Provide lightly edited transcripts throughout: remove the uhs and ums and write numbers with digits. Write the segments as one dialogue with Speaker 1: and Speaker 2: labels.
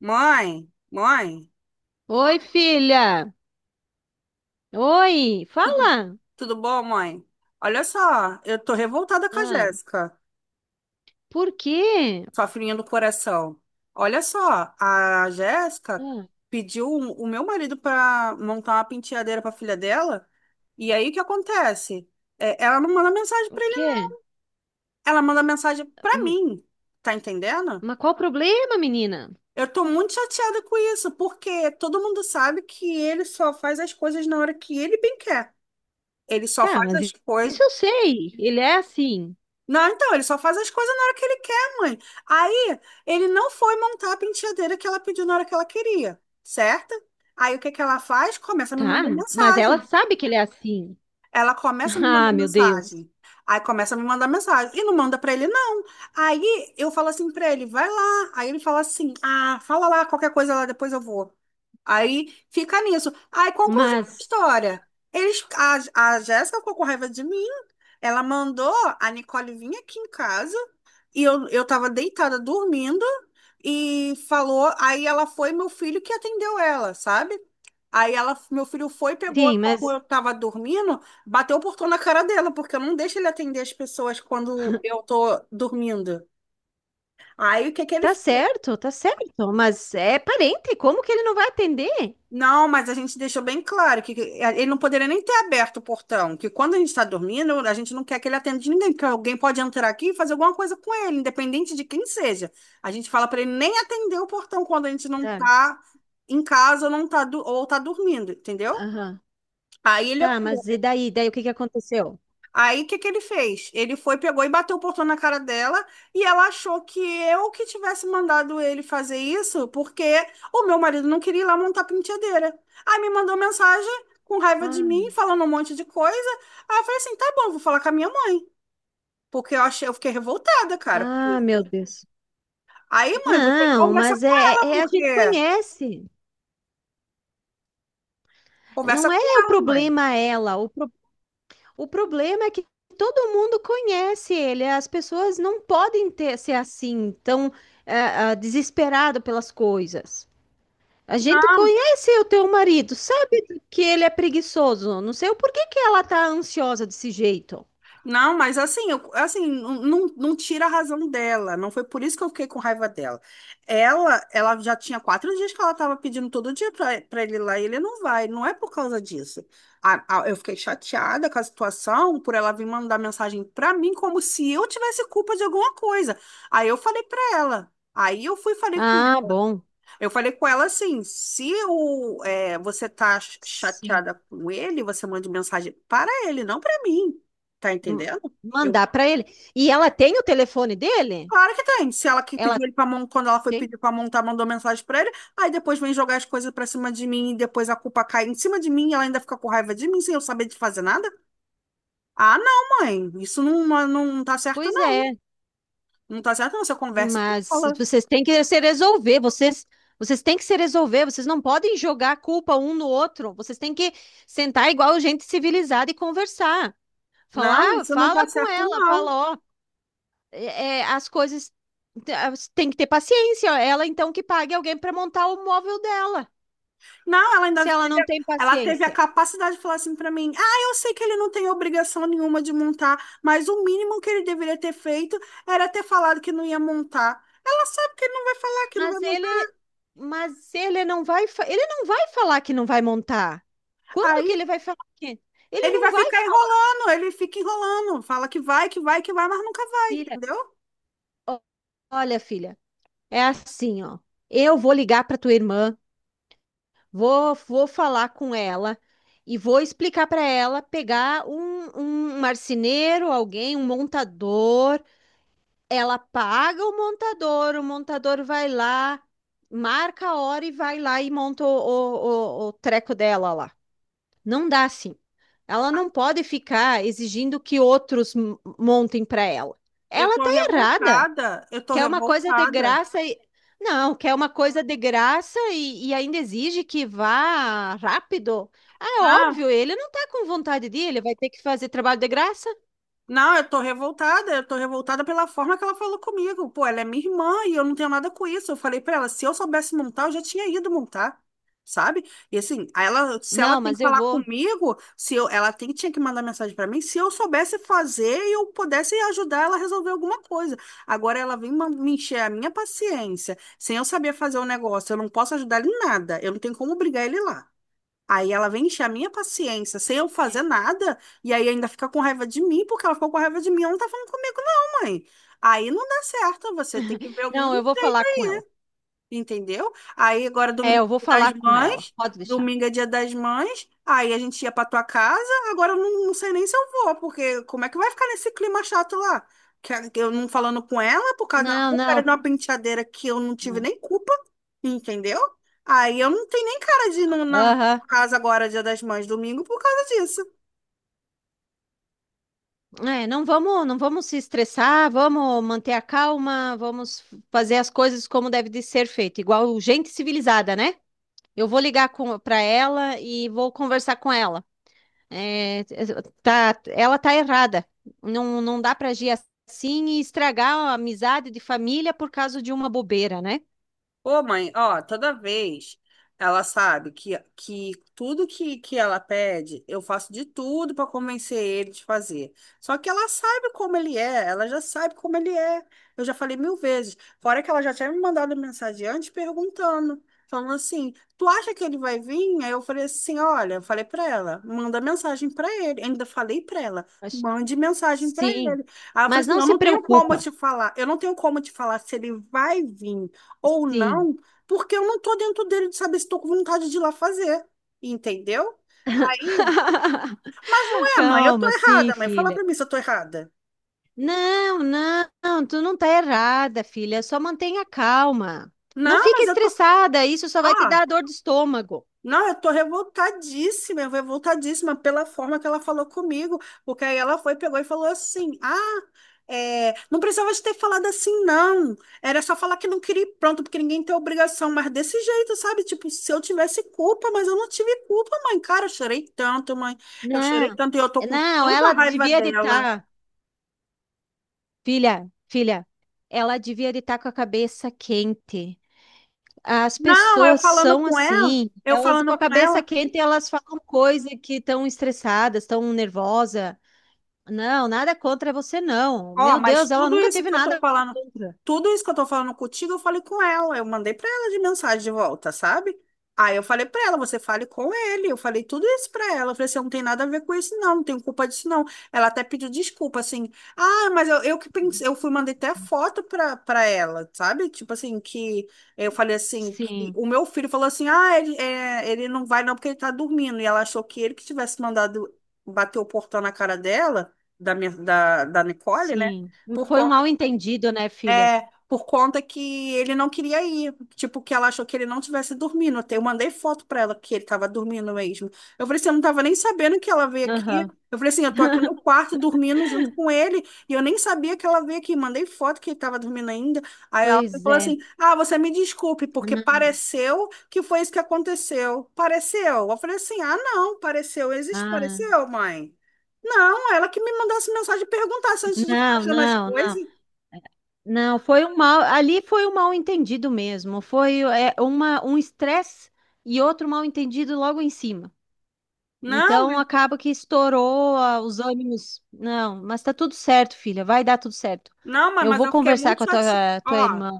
Speaker 1: Mãe, mãe,
Speaker 2: Oi, filha. Oi,
Speaker 1: tudo,
Speaker 2: fala.
Speaker 1: tudo bom, mãe? Olha só, eu tô revoltada com a
Speaker 2: Ah,
Speaker 1: Jéssica,
Speaker 2: por quê?
Speaker 1: sua filhinha do coração. Olha só, a Jéssica
Speaker 2: Ah,
Speaker 1: pediu o meu marido para montar uma penteadeira para filha dela, e aí o que acontece? É, ela não manda mensagem
Speaker 2: o
Speaker 1: para ele, não.
Speaker 2: quê?
Speaker 1: Ela manda mensagem para
Speaker 2: Hum,
Speaker 1: mim, tá entendendo?
Speaker 2: Mas qual o problema, menina?
Speaker 1: Eu tô muito chateada com isso, porque todo mundo sabe que ele só faz as coisas na hora que ele bem quer. Ele só
Speaker 2: Tá,
Speaker 1: faz as coisas.
Speaker 2: isso eu sei. Ele é assim.
Speaker 1: Não, então, ele só faz as coisas na hora que ele quer, mãe. Aí, ele não foi montar a penteadeira que ela pediu na hora que ela queria, certo? Aí, o que que ela faz? Começa a me
Speaker 2: Tá,
Speaker 1: mandar
Speaker 2: mas ela
Speaker 1: mensagem.
Speaker 2: sabe que ele é assim.
Speaker 1: Ela começa a me
Speaker 2: Ah,
Speaker 1: mandar
Speaker 2: meu Deus.
Speaker 1: mensagem. Aí, começa a me mandar mensagem. E não manda pra ele, não. Aí, eu falo assim pra ele, vai lá. Aí, ele fala assim, ah, fala lá, qualquer coisa lá, depois eu vou. Aí, fica nisso. Aí, conclusão da
Speaker 2: Mas,
Speaker 1: história. Eles, a Jéssica ficou com raiva de mim. Ela mandou a Nicole vir aqui em casa e eu tava deitada dormindo e falou. Aí ela foi, meu filho que atendeu ela, sabe? Aí ela, meu filho foi, pegou,
Speaker 2: sim,
Speaker 1: como
Speaker 2: mas
Speaker 1: eu tava dormindo, bateu o portão na cara dela, porque eu não deixo ele atender as pessoas quando eu tô dormindo. Aí o que que ele
Speaker 2: tá certo, tá certo. Mas é parente, como que ele não vai atender?
Speaker 1: Não, mas a gente deixou bem claro que ele não poderia nem ter aberto o portão, que quando a gente está dormindo, a gente não quer que ele atenda de ninguém, porque alguém pode entrar aqui e fazer alguma coisa com ele, independente de quem seja. A gente fala para ele nem atender o portão quando a gente não
Speaker 2: Tá,
Speaker 1: está em casa ou não tá, ou tá dormindo, entendeu?
Speaker 2: aham.
Speaker 1: Aí ele
Speaker 2: Tá, mas e daí? Daí o que que aconteceu?
Speaker 1: Aí, o que que ele fez? Ele foi, pegou e bateu o portão na cara dela e ela achou que eu que tivesse mandado ele fazer isso porque o meu marido não queria ir lá montar penteadeira. Aí me mandou mensagem com raiva de
Speaker 2: Ah,
Speaker 1: mim, falando um monte de coisa. Aí eu falei assim, tá bom, vou falar com a minha mãe. Porque eu achei, eu fiquei revoltada, cara, por
Speaker 2: ah, meu
Speaker 1: isso.
Speaker 2: Deus.
Speaker 1: Aí, mãe, você
Speaker 2: Não,
Speaker 1: conversa
Speaker 2: mas
Speaker 1: com ela,
Speaker 2: é, a gente
Speaker 1: porque...
Speaker 2: conhece.
Speaker 1: Conversa
Speaker 2: Não
Speaker 1: com
Speaker 2: é o
Speaker 1: ela, mãe.
Speaker 2: problema ela. O problema é que todo mundo conhece ele. As pessoas não podem ter ser assim, tão é, é, desesperado pelas coisas. A gente
Speaker 1: Não.
Speaker 2: conhece o teu marido, sabe que ele é preguiçoso. Não sei o porquê que ela tá ansiosa desse jeito.
Speaker 1: Não, mas assim, assim, não, não tira a razão dela. Não foi por isso que eu fiquei com raiva dela. Ela já tinha 4 dias que ela estava pedindo todo dia para ele ir lá e ele não vai. Não é por causa disso. Eu fiquei chateada com a situação por ela vir mandar mensagem para mim como se eu tivesse culpa de alguma coisa. Aí eu falei para ela. Aí eu fui e falei com
Speaker 2: Ah, bom.
Speaker 1: Eu falei com ela assim: se o, é, você tá
Speaker 2: Sim.
Speaker 1: chateada com ele, você manda mensagem para ele, não para mim. Tá
Speaker 2: M-
Speaker 1: entendendo? Eu,
Speaker 2: Mandar para ele. E ela tem o telefone dele?
Speaker 1: Claro que tem. Se ela que
Speaker 2: Ela
Speaker 1: pediu ele para montar, quando ela foi
Speaker 2: tem?
Speaker 1: pedir para montar, mandou mensagem para ele, aí depois vem jogar as coisas para cima de mim, e depois a culpa cai em cima de mim, e ela ainda fica com raiva de mim sem eu saber de fazer nada. Ah, não, mãe, isso não, não tá certo,
Speaker 2: Pois
Speaker 1: não.
Speaker 2: é.
Speaker 1: Não tá certo, não. Você conversa com
Speaker 2: Mas
Speaker 1: ela.
Speaker 2: vocês têm que se resolver, vocês têm que se resolver, vocês não podem jogar a culpa um no outro. Vocês têm que sentar igual gente civilizada e conversar. Falar,
Speaker 1: Não,
Speaker 2: "Ah,
Speaker 1: isso não tá
Speaker 2: fala com
Speaker 1: certo,
Speaker 2: ela,
Speaker 1: não.
Speaker 2: fala, ó, é, as coisas tem que ter paciência. Ela então que pague alguém para montar o móvel dela,
Speaker 1: Não, ela ainda
Speaker 2: se ela
Speaker 1: teve,
Speaker 2: não tem
Speaker 1: ela teve a
Speaker 2: paciência.
Speaker 1: capacidade de falar assim pra mim: ah, eu sei que ele não tem obrigação nenhuma de montar, mas o mínimo que ele deveria ter feito era ter falado que não ia montar. Ela sabe que ele não vai falar que não vai
Speaker 2: Mas
Speaker 1: montar.
Speaker 2: ele, mas ele ele não vai falar que não vai montar. Quando
Speaker 1: Aí
Speaker 2: que ele vai falar que? Ele
Speaker 1: ele
Speaker 2: não
Speaker 1: vai
Speaker 2: vai
Speaker 1: ficar
Speaker 2: falar,
Speaker 1: enrolando, ele fica enrolando, fala que vai, que vai, que vai, mas nunca vai,
Speaker 2: filha.
Speaker 1: entendeu?
Speaker 2: Ó, olha, filha. É assim, ó. Eu vou ligar para tua irmã, vou falar com ela e vou explicar para ela pegar um marceneiro, alguém, um montador. Ela paga o montador vai lá, marca a hora e vai lá e monta o treco dela lá. Não dá assim. Ela não pode ficar exigindo que outros montem para ela.
Speaker 1: Eu
Speaker 2: Ela
Speaker 1: tô
Speaker 2: tá errada.
Speaker 1: revoltada, eu tô
Speaker 2: Quer uma coisa de
Speaker 1: revoltada.
Speaker 2: graça e. Não, quer uma coisa de graça e ainda exige que vá rápido. Ah, é
Speaker 1: Ah,
Speaker 2: óbvio, ele não tá com vontade de ir, ele vai ter que fazer trabalho de graça.
Speaker 1: não, eu tô revoltada pela forma que ela falou comigo. Pô, ela é minha irmã e eu não tenho nada com isso. Eu falei pra ela, se eu soubesse montar, eu já tinha ido montar, sabe? E assim, aí ela, se ela
Speaker 2: Não,
Speaker 1: tem
Speaker 2: mas
Speaker 1: que
Speaker 2: eu
Speaker 1: falar
Speaker 2: vou.
Speaker 1: comigo, se eu, ela tem, tinha que mandar mensagem pra mim, se eu soubesse fazer e eu pudesse ajudar ela a resolver alguma coisa. Agora ela vem me encher a minha paciência, sem eu saber fazer o negócio, eu não posso ajudar ele em nada, eu não tenho como obrigar ele lá. Aí ela vem encher a minha paciência sem eu fazer
Speaker 2: É.
Speaker 1: nada, e aí ainda fica com raiva de mim, porque ela ficou com raiva de mim, ela não tá falando comigo, não, mãe. Aí não dá certo, você tem que ver algum.
Speaker 2: Não, eu vou falar com ela.
Speaker 1: Entendeu? Aí agora
Speaker 2: É,
Speaker 1: domingo é
Speaker 2: eu vou
Speaker 1: dia das
Speaker 2: falar com ela.
Speaker 1: mães,
Speaker 2: Pode deixar.
Speaker 1: domingo é dia das mães, aí a gente ia pra tua casa, agora eu não, não sei nem se eu vou, porque como é que vai ficar nesse clima chato lá? Que que eu não falando com ela por causa de uma
Speaker 2: Não,
Speaker 1: porcaria de
Speaker 2: não.
Speaker 1: uma penteadeira que eu não tive nem culpa, entendeu? Aí eu não tenho nem cara de ir na
Speaker 2: Aham.
Speaker 1: casa agora, dia das mães, domingo, por causa disso.
Speaker 2: É, não vamos, não vamos se estressar, vamos manter a calma, vamos fazer as coisas como deve de ser feito, igual gente civilizada, né? Eu vou para ela e vou conversar com ela. É, tá, ela tá errada. Não, não dá para agir assim e estragar a amizade de família por causa de uma bobeira, né?
Speaker 1: Ô, mãe, ó, toda vez ela sabe que tudo que ela pede, eu faço de tudo para convencer ele de fazer. Só que ela sabe como ele é, ela já sabe como ele é. Eu já falei mil vezes. Fora que ela já tinha me mandado mensagem antes perguntando, falando assim: tu acha que ele vai vir? Aí eu falei assim: olha, eu falei para ela, manda mensagem para ele. Ainda falei para ela,
Speaker 2: Acho-
Speaker 1: mande mensagem para
Speaker 2: Sim,
Speaker 1: ele. Aí eu falei
Speaker 2: mas
Speaker 1: assim:
Speaker 2: não
Speaker 1: eu
Speaker 2: se
Speaker 1: não tenho como
Speaker 2: preocupa.
Speaker 1: te falar, eu não tenho como te falar se ele vai vir ou
Speaker 2: Sim.
Speaker 1: não, porque eu não tô dentro dele de saber se tô com vontade de ir lá fazer, entendeu? Aí, ué, mãe, eu tô
Speaker 2: Calma, sim,
Speaker 1: errada, mãe, fala
Speaker 2: filha.
Speaker 1: pra mim se eu tô errada.
Speaker 2: Não, não, tu não tá errada, filha. Só mantenha calma. Não
Speaker 1: Não,
Speaker 2: fica
Speaker 1: mas eu tô,
Speaker 2: estressada, isso só vai te
Speaker 1: ó,
Speaker 2: dar dor de estômago.
Speaker 1: não, eu tô revoltadíssima, eu revoltadíssima pela forma que ela falou comigo, porque aí ela foi, pegou e falou assim, ah, é, não precisava de ter falado assim, não, era só falar que não queria ir pronto, porque ninguém tem obrigação, mas desse jeito, sabe, tipo, se eu tivesse culpa, mas eu não tive culpa, mãe, cara, eu chorei tanto, mãe, eu chorei
Speaker 2: Não,
Speaker 1: tanto e eu tô com
Speaker 2: não,
Speaker 1: tanta
Speaker 2: ela
Speaker 1: raiva
Speaker 2: devia de
Speaker 1: dela.
Speaker 2: estar. Filha, ela devia estar com a cabeça quente. As
Speaker 1: Não, eu
Speaker 2: pessoas
Speaker 1: falando
Speaker 2: são
Speaker 1: com ela,
Speaker 2: assim,
Speaker 1: eu
Speaker 2: elas com
Speaker 1: falando
Speaker 2: a
Speaker 1: com ela,
Speaker 2: cabeça quente, elas falam coisa que estão estressadas, estão nervosa. Não, nada contra você, não.
Speaker 1: ó,
Speaker 2: Meu
Speaker 1: mas
Speaker 2: Deus, ela
Speaker 1: tudo
Speaker 2: nunca
Speaker 1: isso
Speaker 2: teve
Speaker 1: que eu tô
Speaker 2: nada
Speaker 1: falando,
Speaker 2: contra.
Speaker 1: tudo isso que eu tô falando contigo, eu falei com ela. Eu mandei pra ela de mensagem de volta, sabe? Aí eu falei pra ela, você fale com ele. Eu falei tudo isso pra ela. Eu falei assim, eu não tem nada a ver com isso, não, não tenho culpa disso, não. Ela até pediu desculpa, assim. Ah, mas eu que pensei, eu fui, mandei até foto pra ela, sabe? Tipo assim, que eu falei assim, que
Speaker 2: Sim,
Speaker 1: o meu filho falou assim, ah, ele, é, ele não vai não porque ele tá dormindo. E ela achou que ele que tivesse mandado bater o portão na cara dela da Nicole, né?
Speaker 2: sim.
Speaker 1: Por
Speaker 2: Foi um
Speaker 1: conta,
Speaker 2: mal entendido, né, filha?
Speaker 1: por conta que ele não queria ir. Tipo, que ela achou que ele não tivesse dormindo. Até eu mandei foto pra ela que ele tava dormindo mesmo. Eu falei assim, eu não tava nem sabendo que ela veio aqui.
Speaker 2: Aham.
Speaker 1: Eu falei assim, eu tô aqui no quarto dormindo junto com ele. E eu nem sabia que ela veio aqui. Mandei foto que ele tava dormindo ainda. Aí ela
Speaker 2: Pois
Speaker 1: falou
Speaker 2: é.
Speaker 1: assim, ah, você me desculpe, porque
Speaker 2: Não,
Speaker 1: pareceu que foi isso que aconteceu. Pareceu. Eu falei assim, ah, não, pareceu. Existe
Speaker 2: ah,
Speaker 1: pareceu, mãe? Não, ela que me mandasse mensagem e perguntasse antes de ficar
Speaker 2: não,
Speaker 1: achando as
Speaker 2: não, não.
Speaker 1: coisas.
Speaker 2: Não, foi um mal, ali foi um mal entendido mesmo. Foi é, uma, um estresse e outro mal entendido logo em cima.
Speaker 1: Não,
Speaker 2: Então acaba que estourou os ânimos. Não, mas tá tudo certo, filha. Vai dar tudo certo.
Speaker 1: não, mas
Speaker 2: Eu
Speaker 1: mas
Speaker 2: vou
Speaker 1: eu fiquei
Speaker 2: conversar
Speaker 1: muito
Speaker 2: com a
Speaker 1: chateada.
Speaker 2: tua
Speaker 1: Ó,
Speaker 2: irmã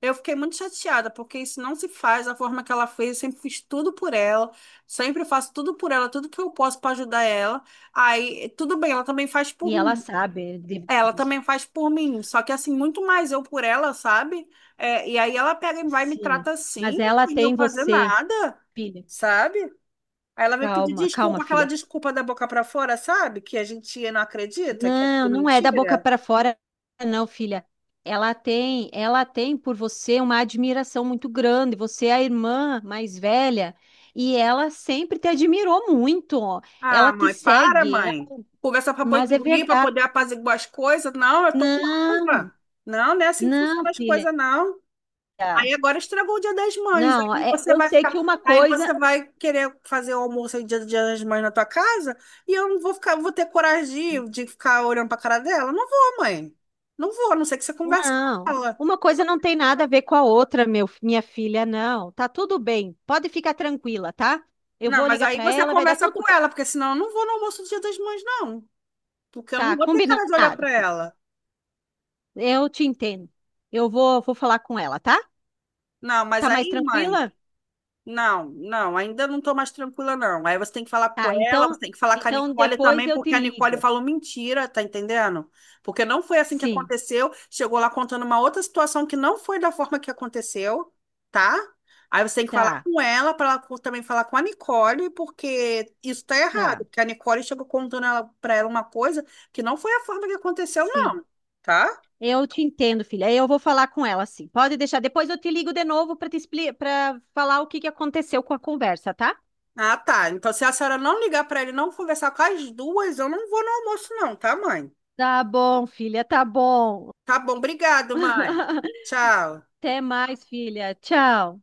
Speaker 1: eu fiquei muito chateada, porque isso não se faz da forma que ela fez. Eu sempre fiz tudo por ela, sempre faço tudo por ela, tudo que eu posso para ajudar ela. Aí, tudo bem, ela também faz
Speaker 2: e
Speaker 1: por
Speaker 2: ela
Speaker 1: mim.
Speaker 2: sabe
Speaker 1: Ela
Speaker 2: disso.
Speaker 1: também faz por mim, só que assim, muito mais eu por ela, sabe? É, e aí ela pega e vai e me
Speaker 2: Sim,
Speaker 1: trata assim,
Speaker 2: mas ela
Speaker 1: sem eu
Speaker 2: tem
Speaker 1: fazer
Speaker 2: você,
Speaker 1: nada,
Speaker 2: filha.
Speaker 1: sabe? Aí ela vem pedir
Speaker 2: Calma, calma,
Speaker 1: desculpa, aquela
Speaker 2: filha.
Speaker 1: desculpa da boca pra fora, sabe? Que a gente não acredita, que é
Speaker 2: Não,
Speaker 1: tudo
Speaker 2: não é da boca
Speaker 1: mentira.
Speaker 2: para fora, não, filha. Ela tem por você uma admiração muito grande. Você é a irmã mais velha e ela sempre te admirou muito.
Speaker 1: Ah,
Speaker 2: Ela te
Speaker 1: mãe, para,
Speaker 2: segue, ela-
Speaker 1: mãe. Conversar para poder
Speaker 2: Mas é
Speaker 1: dormir, para
Speaker 2: verdade.
Speaker 1: poder apaziguar as coisas. Não, eu tô com
Speaker 2: Não,
Speaker 1: raiva. Não, não é assim que
Speaker 2: não,
Speaker 1: funcionam as
Speaker 2: filha.
Speaker 1: coisas, não. Aí agora estragou o Dia das Mães.
Speaker 2: Não,
Speaker 1: Aí você
Speaker 2: eu
Speaker 1: vai
Speaker 2: sei
Speaker 1: ficar,
Speaker 2: que uma
Speaker 1: aí
Speaker 2: coisa,
Speaker 1: você vai querer fazer o almoço aí Dia das Mães na tua casa e eu não vou ficar, vou ter coragem de ficar olhando para cara dela. Não vou, mãe. Não vou, a não ser que você converse com
Speaker 2: não.
Speaker 1: ela.
Speaker 2: Uma coisa não tem nada a ver com a outra, meu, minha filha, não. Tá tudo bem. Pode ficar tranquila, tá? Eu
Speaker 1: Não,
Speaker 2: vou
Speaker 1: mas
Speaker 2: ligar
Speaker 1: aí
Speaker 2: para
Speaker 1: você
Speaker 2: ela, vai dar
Speaker 1: conversa
Speaker 2: tudo
Speaker 1: com
Speaker 2: bem.
Speaker 1: ela, porque senão eu não vou no almoço do Dia das Mães, não. Porque eu não
Speaker 2: Tá,
Speaker 1: vou ter cara de olhar
Speaker 2: combinado,
Speaker 1: para
Speaker 2: filho.
Speaker 1: ela.
Speaker 2: Eu te entendo. Vou falar com ela, tá?
Speaker 1: Não, mas
Speaker 2: Tá mais
Speaker 1: aí, mãe.
Speaker 2: tranquila?
Speaker 1: Não, não, ainda não tô mais tranquila, não. Aí você tem que falar com
Speaker 2: Tá,
Speaker 1: ela, você
Speaker 2: então,
Speaker 1: tem que falar com a
Speaker 2: então
Speaker 1: Nicole
Speaker 2: depois
Speaker 1: também,
Speaker 2: eu te
Speaker 1: porque a Nicole
Speaker 2: ligo.
Speaker 1: falou mentira, tá entendendo? Porque não foi assim que
Speaker 2: Sim,
Speaker 1: aconteceu. Chegou lá contando uma outra situação que não foi da forma que aconteceu, tá? Aí você tem que falar
Speaker 2: tá,
Speaker 1: com ela, para ela também falar com a Nicole, porque isso tá errado.
Speaker 2: tá.
Speaker 1: Porque a Nicole chegou contando ela, pra ela uma coisa que não foi a forma que aconteceu,
Speaker 2: Sim.
Speaker 1: não, tá?
Speaker 2: Eu te entendo, filha. Eu vou falar com ela, sim. Pode deixar. Depois eu te ligo de novo para te explicar, para falar o que que aconteceu com a conversa, tá?
Speaker 1: Ah, tá. Então, se a senhora não ligar pra ele, e não conversar com as duas, eu não vou no almoço, não, tá, mãe?
Speaker 2: Tá bom, filha, tá bom.
Speaker 1: Tá bom, obrigado, mãe. Tchau.
Speaker 2: Até mais, filha. Tchau.